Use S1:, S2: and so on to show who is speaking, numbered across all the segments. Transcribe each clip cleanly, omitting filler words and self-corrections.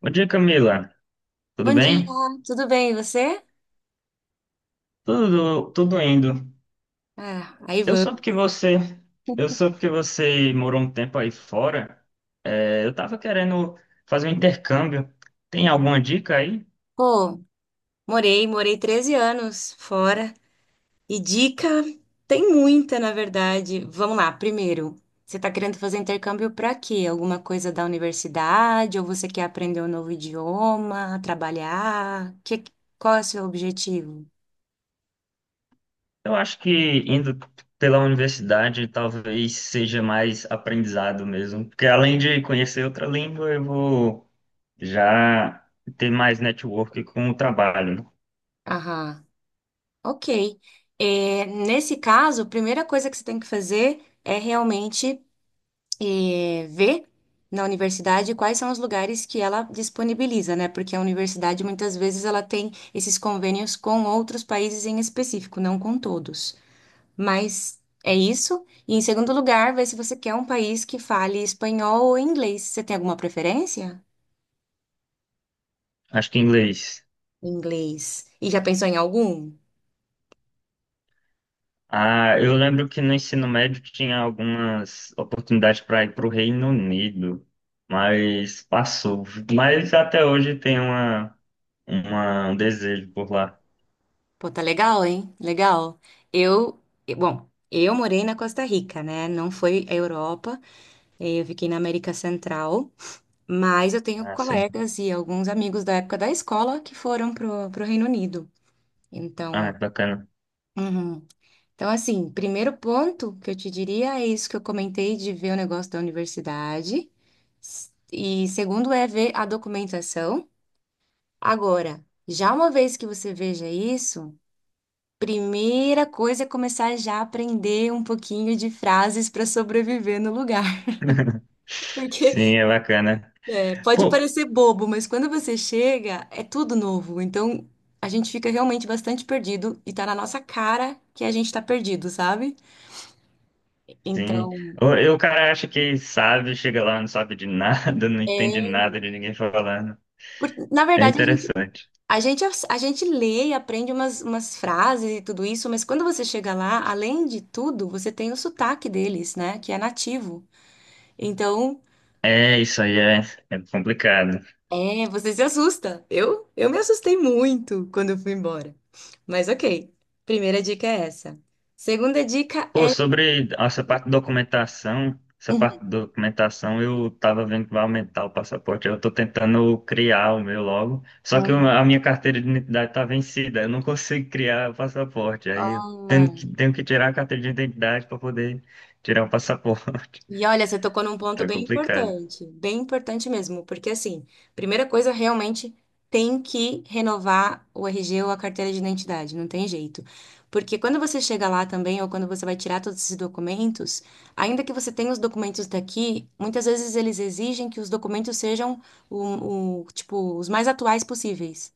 S1: Bom dia, Camila. Tudo
S2: Bom dia,
S1: bem?
S2: tudo bem, e você?
S1: Tudo, indo.
S2: Ah, aí
S1: Eu soube
S2: vamos.
S1: que você, eu soube que você morou um tempo aí fora. É, eu tava querendo fazer um intercâmbio. Tem alguma dica aí?
S2: Pô, morei 13 anos fora. E dica tem muita, na verdade. Vamos lá, primeiro, você tá querendo fazer intercâmbio pra quê? Alguma coisa da universidade? Ou você quer aprender um novo idioma, trabalhar? Qual é o seu objetivo?
S1: Eu acho que indo pela universidade talvez seja mais aprendizado mesmo, porque além de conhecer outra língua, eu vou já ter mais network com o trabalho.
S2: Aham, ok. É, nesse caso, a primeira coisa que você tem que fazer é realmente ver na universidade quais são os lugares que ela disponibiliza, né? Porque a universidade muitas vezes ela tem esses convênios com outros países em específico, não com todos. Mas é isso. E em segundo lugar, ver se você quer um país que fale espanhol ou inglês. Você tem alguma preferência?
S1: Acho que inglês.
S2: Inglês. E já pensou em algum?
S1: Ah, eu lembro que no ensino médio tinha algumas oportunidades para ir para o Reino Unido, mas passou. Mas até hoje tem um desejo por lá.
S2: Pô, tá legal, hein? Legal. Eu, bom, eu morei na Costa Rica, né? Não foi a Europa. Eu fiquei na América Central. Mas eu tenho
S1: Ah, sim.
S2: colegas e alguns amigos da época da escola que foram pro Reino Unido.
S1: Ah, é
S2: Então,
S1: bacana.
S2: uhum. Então, assim, primeiro ponto que eu te diria é isso que eu comentei de ver o negócio da universidade. E segundo é ver a documentação. Agora, já uma vez que você veja isso, primeira coisa é começar já a aprender um pouquinho de frases para sobreviver no lugar. porque
S1: Sim, é bacana.
S2: É, pode
S1: Pô,
S2: parecer bobo, mas quando você chega, é tudo novo. Então, a gente fica realmente bastante perdido e tá na nossa cara que a gente tá perdido, sabe?
S1: sim.
S2: Então,
S1: O, e o cara acha que sabe, chega lá, não sabe de nada, não entende
S2: é,
S1: nada de ninguém falando.
S2: na
S1: É
S2: verdade, a gente,
S1: interessante.
S2: a gente, a gente lê e aprende umas frases e tudo isso, mas quando você chega lá, além de tudo, você tem o sotaque deles, né? Que é nativo. Então,
S1: É, isso aí é, é complicado.
S2: você se assusta. Eu me assustei muito quando eu fui embora. Mas ok, primeira dica é essa. Segunda dica
S1: Pô, sobre essa parte de documentação, essa
S2: é.
S1: parte de documentação eu tava vendo que vai aumentar o passaporte. Eu tô tentando criar o meu logo, só que
S2: Hum.
S1: a minha carteira de identidade tá vencida, eu não consigo criar o passaporte. Aí eu tenho que tirar a carteira de identidade para poder tirar o passaporte.
S2: E olha, você tocou num ponto
S1: Tá complicado.
S2: bem importante mesmo, porque assim, primeira coisa, realmente tem que renovar o RG ou a carteira de identidade, não tem jeito. Porque quando você chega lá também, ou quando você vai tirar todos esses documentos, ainda que você tenha os documentos daqui, muitas vezes eles exigem que os documentos sejam tipo, os mais atuais possíveis.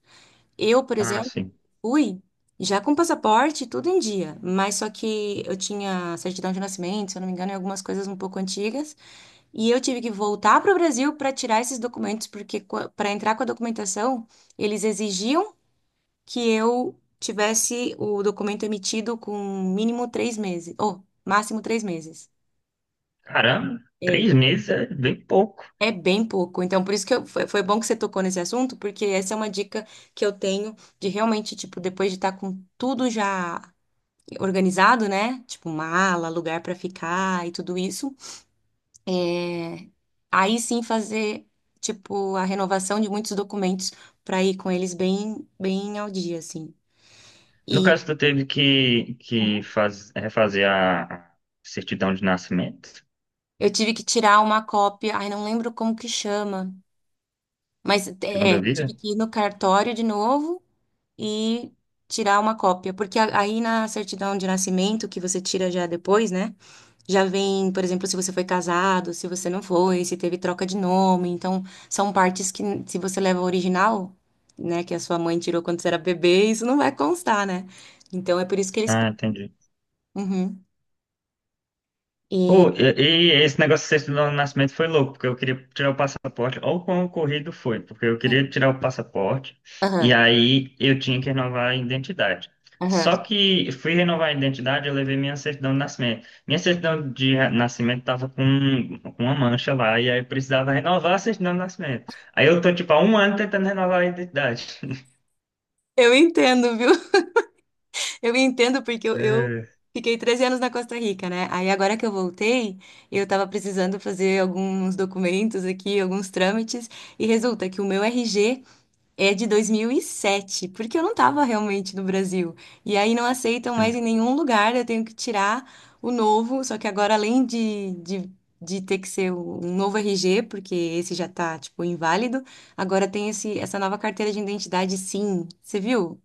S2: Eu, por
S1: Ah,
S2: exemplo,
S1: sim.
S2: fui já com passaporte, tudo em dia, mas só que eu tinha certidão de nascimento, se eu não me engano, e algumas coisas um pouco antigas, e eu tive que voltar para o Brasil para tirar esses documentos, porque para entrar com a documentação, eles exigiam que eu tivesse o documento emitido com mínimo 3 meses, ou máximo 3 meses.
S1: Caramba, três
S2: É,
S1: meses é bem pouco.
S2: é bem pouco. Então, por isso que foi bom que você tocou nesse assunto, porque essa é uma dica que eu tenho de realmente, tipo, depois de estar com tudo já organizado, né? Tipo, mala, lugar pra ficar e tudo isso. É, aí sim fazer, tipo, a renovação de muitos documentos pra ir com eles bem, bem ao dia, assim.
S1: No
S2: E
S1: caso, tu teve que refazer a certidão de nascimento,
S2: eu tive que tirar uma cópia, ai, não lembro como que chama, mas
S1: segunda
S2: tive
S1: vida?
S2: que ir no cartório de novo e tirar uma cópia, porque aí na certidão de nascimento, que você tira já depois, né? Já vem, por exemplo, se você foi casado, se você não foi, se teve troca de nome. Então, são partes que, se você leva o original, né, que a sua mãe tirou quando você era bebê, isso não vai constar, né? Então, é por isso que eles.
S1: Ah, entendi.
S2: Uhum.
S1: Pô, e esse negócio de sexto do nascimento foi louco, porque eu queria tirar o passaporte, ou quão corrido foi, porque eu queria tirar o passaporte, e
S2: Aham,
S1: aí eu tinha que renovar a identidade.
S2: aham.
S1: Só que fui renovar a identidade, eu levei minha certidão de nascimento. Minha certidão de nascimento tava com uma mancha lá, e aí eu precisava renovar a certidão de nascimento. Aí eu tô, tipo, há um ano tentando renovar a identidade.
S2: Eu entendo, viu? Eu entendo porque eu
S1: É,
S2: fiquei 13 anos na Costa Rica, né? Aí agora que eu voltei, eu tava precisando fazer alguns documentos aqui, alguns trâmites, e resulta que o meu RG é de 2007, porque eu não estava realmente no Brasil. E aí não aceitam mais em
S1: sim.
S2: nenhum lugar, eu tenho que tirar o novo. Só que agora, além de ter que ser um novo RG, porque esse já tá, tipo, inválido, agora tem essa nova carteira de identidade, sim. Você viu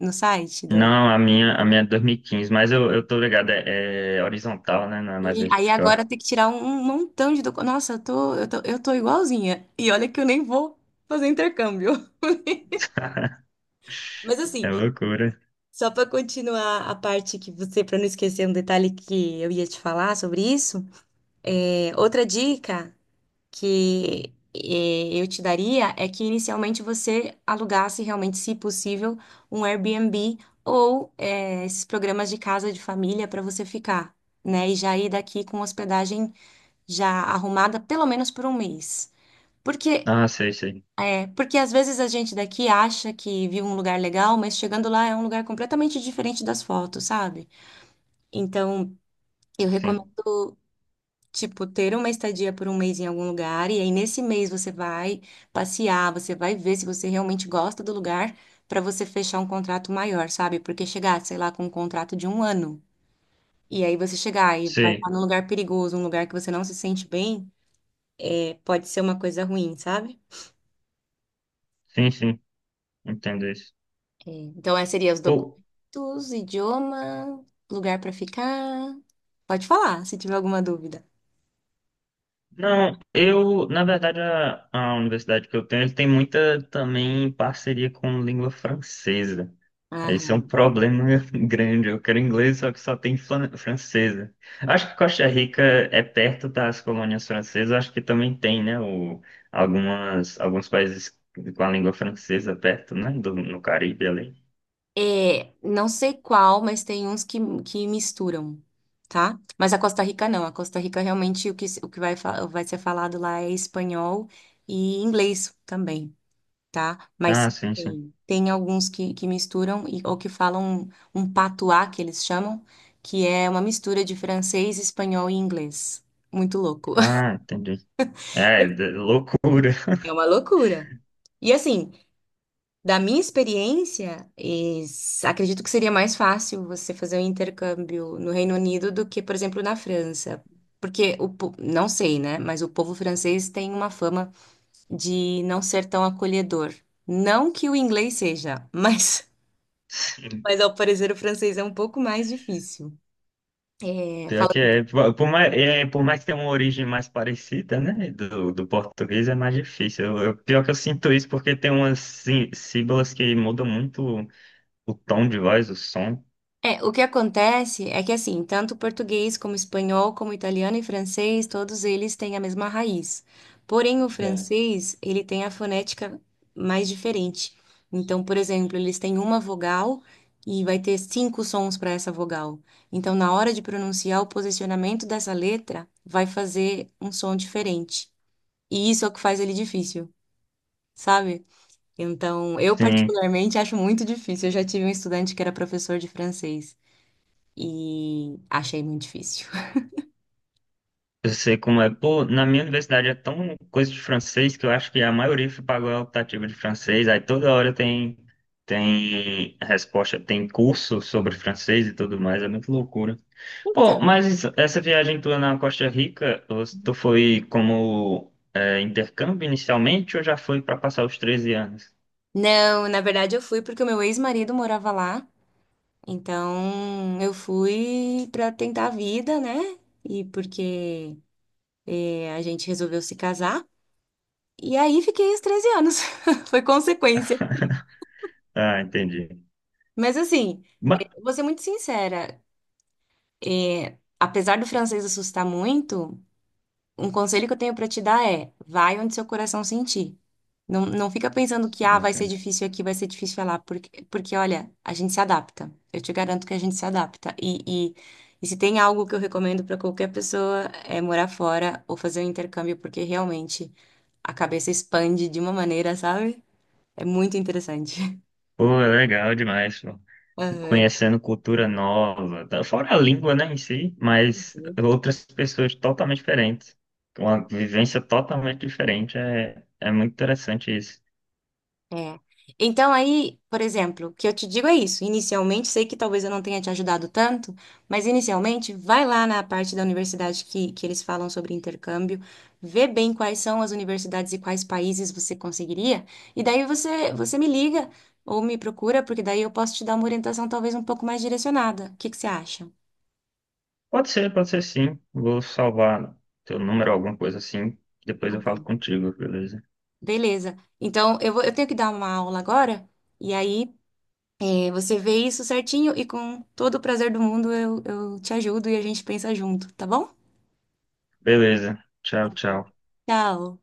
S2: no site?
S1: Não, a minha é 2015, mas eu tô ligado, é horizontal, né? Não é mais
S2: E aí agora
S1: vertical.
S2: tem que tirar um montão de documentos. Nossa, eu tô igualzinha. E olha que eu nem vou fazer intercâmbio. Mas
S1: É
S2: assim,
S1: loucura.
S2: só para continuar a parte que você, para não esquecer um detalhe que eu ia te falar sobre isso, outra dica que eu te daria é que inicialmente você alugasse realmente, se possível, um Airbnb ou esses programas de casa de família para você ficar, né? E já ir daqui com hospedagem já arrumada pelo menos por um mês. Porque,
S1: Ah, sei, sei.
S2: porque às vezes a gente daqui acha que viu um lugar legal, mas chegando lá é um lugar completamente diferente das fotos, sabe? Então, eu recomendo,
S1: Sim.
S2: tipo, ter uma estadia por um mês em algum lugar, e aí nesse mês você vai passear, você vai ver se você realmente gosta do lugar, para você fechar um contrato maior, sabe? Porque chegar, sei lá, com um contrato de um ano, e aí você chegar e vai
S1: Sei.
S2: estar num lugar perigoso, um lugar que você não se sente bem, pode ser uma coisa ruim, sabe?
S1: Sim, sim. Entendo isso.
S2: É, então, esses seriam os
S1: Pô,
S2: documentos, idioma, lugar para ficar. Pode falar, se tiver alguma dúvida.
S1: não, eu, na verdade, a universidade que eu tenho, ele tem muita também parceria com língua francesa. Esse é um problema grande. Eu quero inglês, só que só tem francesa. Acho que Costa Rica é perto das colônias francesas. Acho que também tem, né? O, algumas, alguns países com a língua francesa perto, né? Do, no Caribe ali.
S2: É, não sei qual, mas tem uns que misturam, tá? Mas a Costa Rica não. A Costa Rica realmente o que, se- o que vai ser falado lá é espanhol e inglês também, tá? Mas
S1: Ah, sim, sim.
S2: tem alguns que misturam e, ou que falam um patuá, que eles chamam, que é uma mistura de francês, espanhol e inglês. Muito louco.
S1: Ah, entendi. É, loucura.
S2: É uma loucura. E assim, da minha experiência, acredito que seria mais fácil você fazer um intercâmbio no Reino Unido do que, por exemplo, na França. Porque não sei, né? Mas o povo francês tem uma fama de não ser tão acolhedor. Não que o inglês seja, mas,
S1: Sim.
S2: mas ao parecer o francês é um pouco mais difícil. É,
S1: Pior que é. Por mais que tenha uma origem mais parecida, né? Do português é mais difícil. Pior que eu sinto isso porque tem umas sílabas que mudam muito o tom de voz, o som.
S2: O que acontece é que, assim, tanto português como espanhol, como italiano e francês, todos eles têm a mesma raiz. Porém, o
S1: É.
S2: francês, ele tem a fonética mais diferente. Então, por exemplo, eles têm uma vogal e vai ter cinco sons para essa vogal. Então, na hora de pronunciar, o posicionamento dessa letra vai fazer um som diferente. E isso é o que faz ele difícil, sabe? Então, eu
S1: Sim,
S2: particularmente acho muito difícil. Eu já tive um estudante que era professor de francês e achei muito difícil.
S1: eu sei como é. Pô, na minha universidade é tão coisa de francês que eu acho que a maioria pagou a optativa de francês. Aí toda hora tem, tem resposta, tem curso sobre francês e tudo mais. É muito loucura. Pô,
S2: Então,
S1: mas essa viagem tua na Costa Rica, tu foi como é, intercâmbio inicialmente ou já foi para passar os 13 anos?
S2: não, na verdade eu fui porque o meu ex-marido morava lá, então eu fui pra tentar a vida, né? E porque a gente resolveu se casar. E aí fiquei os 13 anos. Foi consequência.
S1: Ah, entendi.
S2: Mas assim,
S1: Ba-
S2: vou ser muito sincera, apesar do francês assustar muito. Um conselho que eu tenho pra te dar é: vai onde seu coração sentir. Não, não fica pensando que ah, vai ser difícil aqui, vai ser difícil lá, porque olha, a gente se adapta. Eu te garanto que a gente se adapta. E se tem algo que eu recomendo pra qualquer pessoa é morar fora ou fazer um intercâmbio, porque realmente a cabeça expande de uma maneira, sabe? É muito interessante.
S1: Pô, é legal demais, pô. Conhecendo cultura nova, tá? Fora a língua, né, em si, mas
S2: Aham.
S1: outras pessoas totalmente diferentes, uma vivência totalmente diferente, é muito interessante isso.
S2: É. Então aí, por exemplo, o que eu te digo é isso. Inicialmente, sei que talvez eu não tenha te ajudado tanto, mas inicialmente, vai lá na parte da universidade que eles falam sobre intercâmbio, vê bem quais são as universidades e quais países você conseguiria, e daí você me liga ou me procura, porque daí eu posso te dar uma orientação talvez um pouco mais direcionada. O que que você acha?
S1: Pode ser sim. Vou salvar teu número, alguma coisa assim, depois
S2: Tá
S1: eu falo
S2: bom.
S1: contigo, beleza?
S2: Beleza. Então, eu vou, eu tenho que dar uma aula agora, e aí, aí você vê isso certinho e com todo o prazer do mundo eu te ajudo e a gente pensa junto, tá bom?
S1: Beleza.
S2: Tá
S1: Tchau,
S2: bom.
S1: tchau.
S2: Tchau!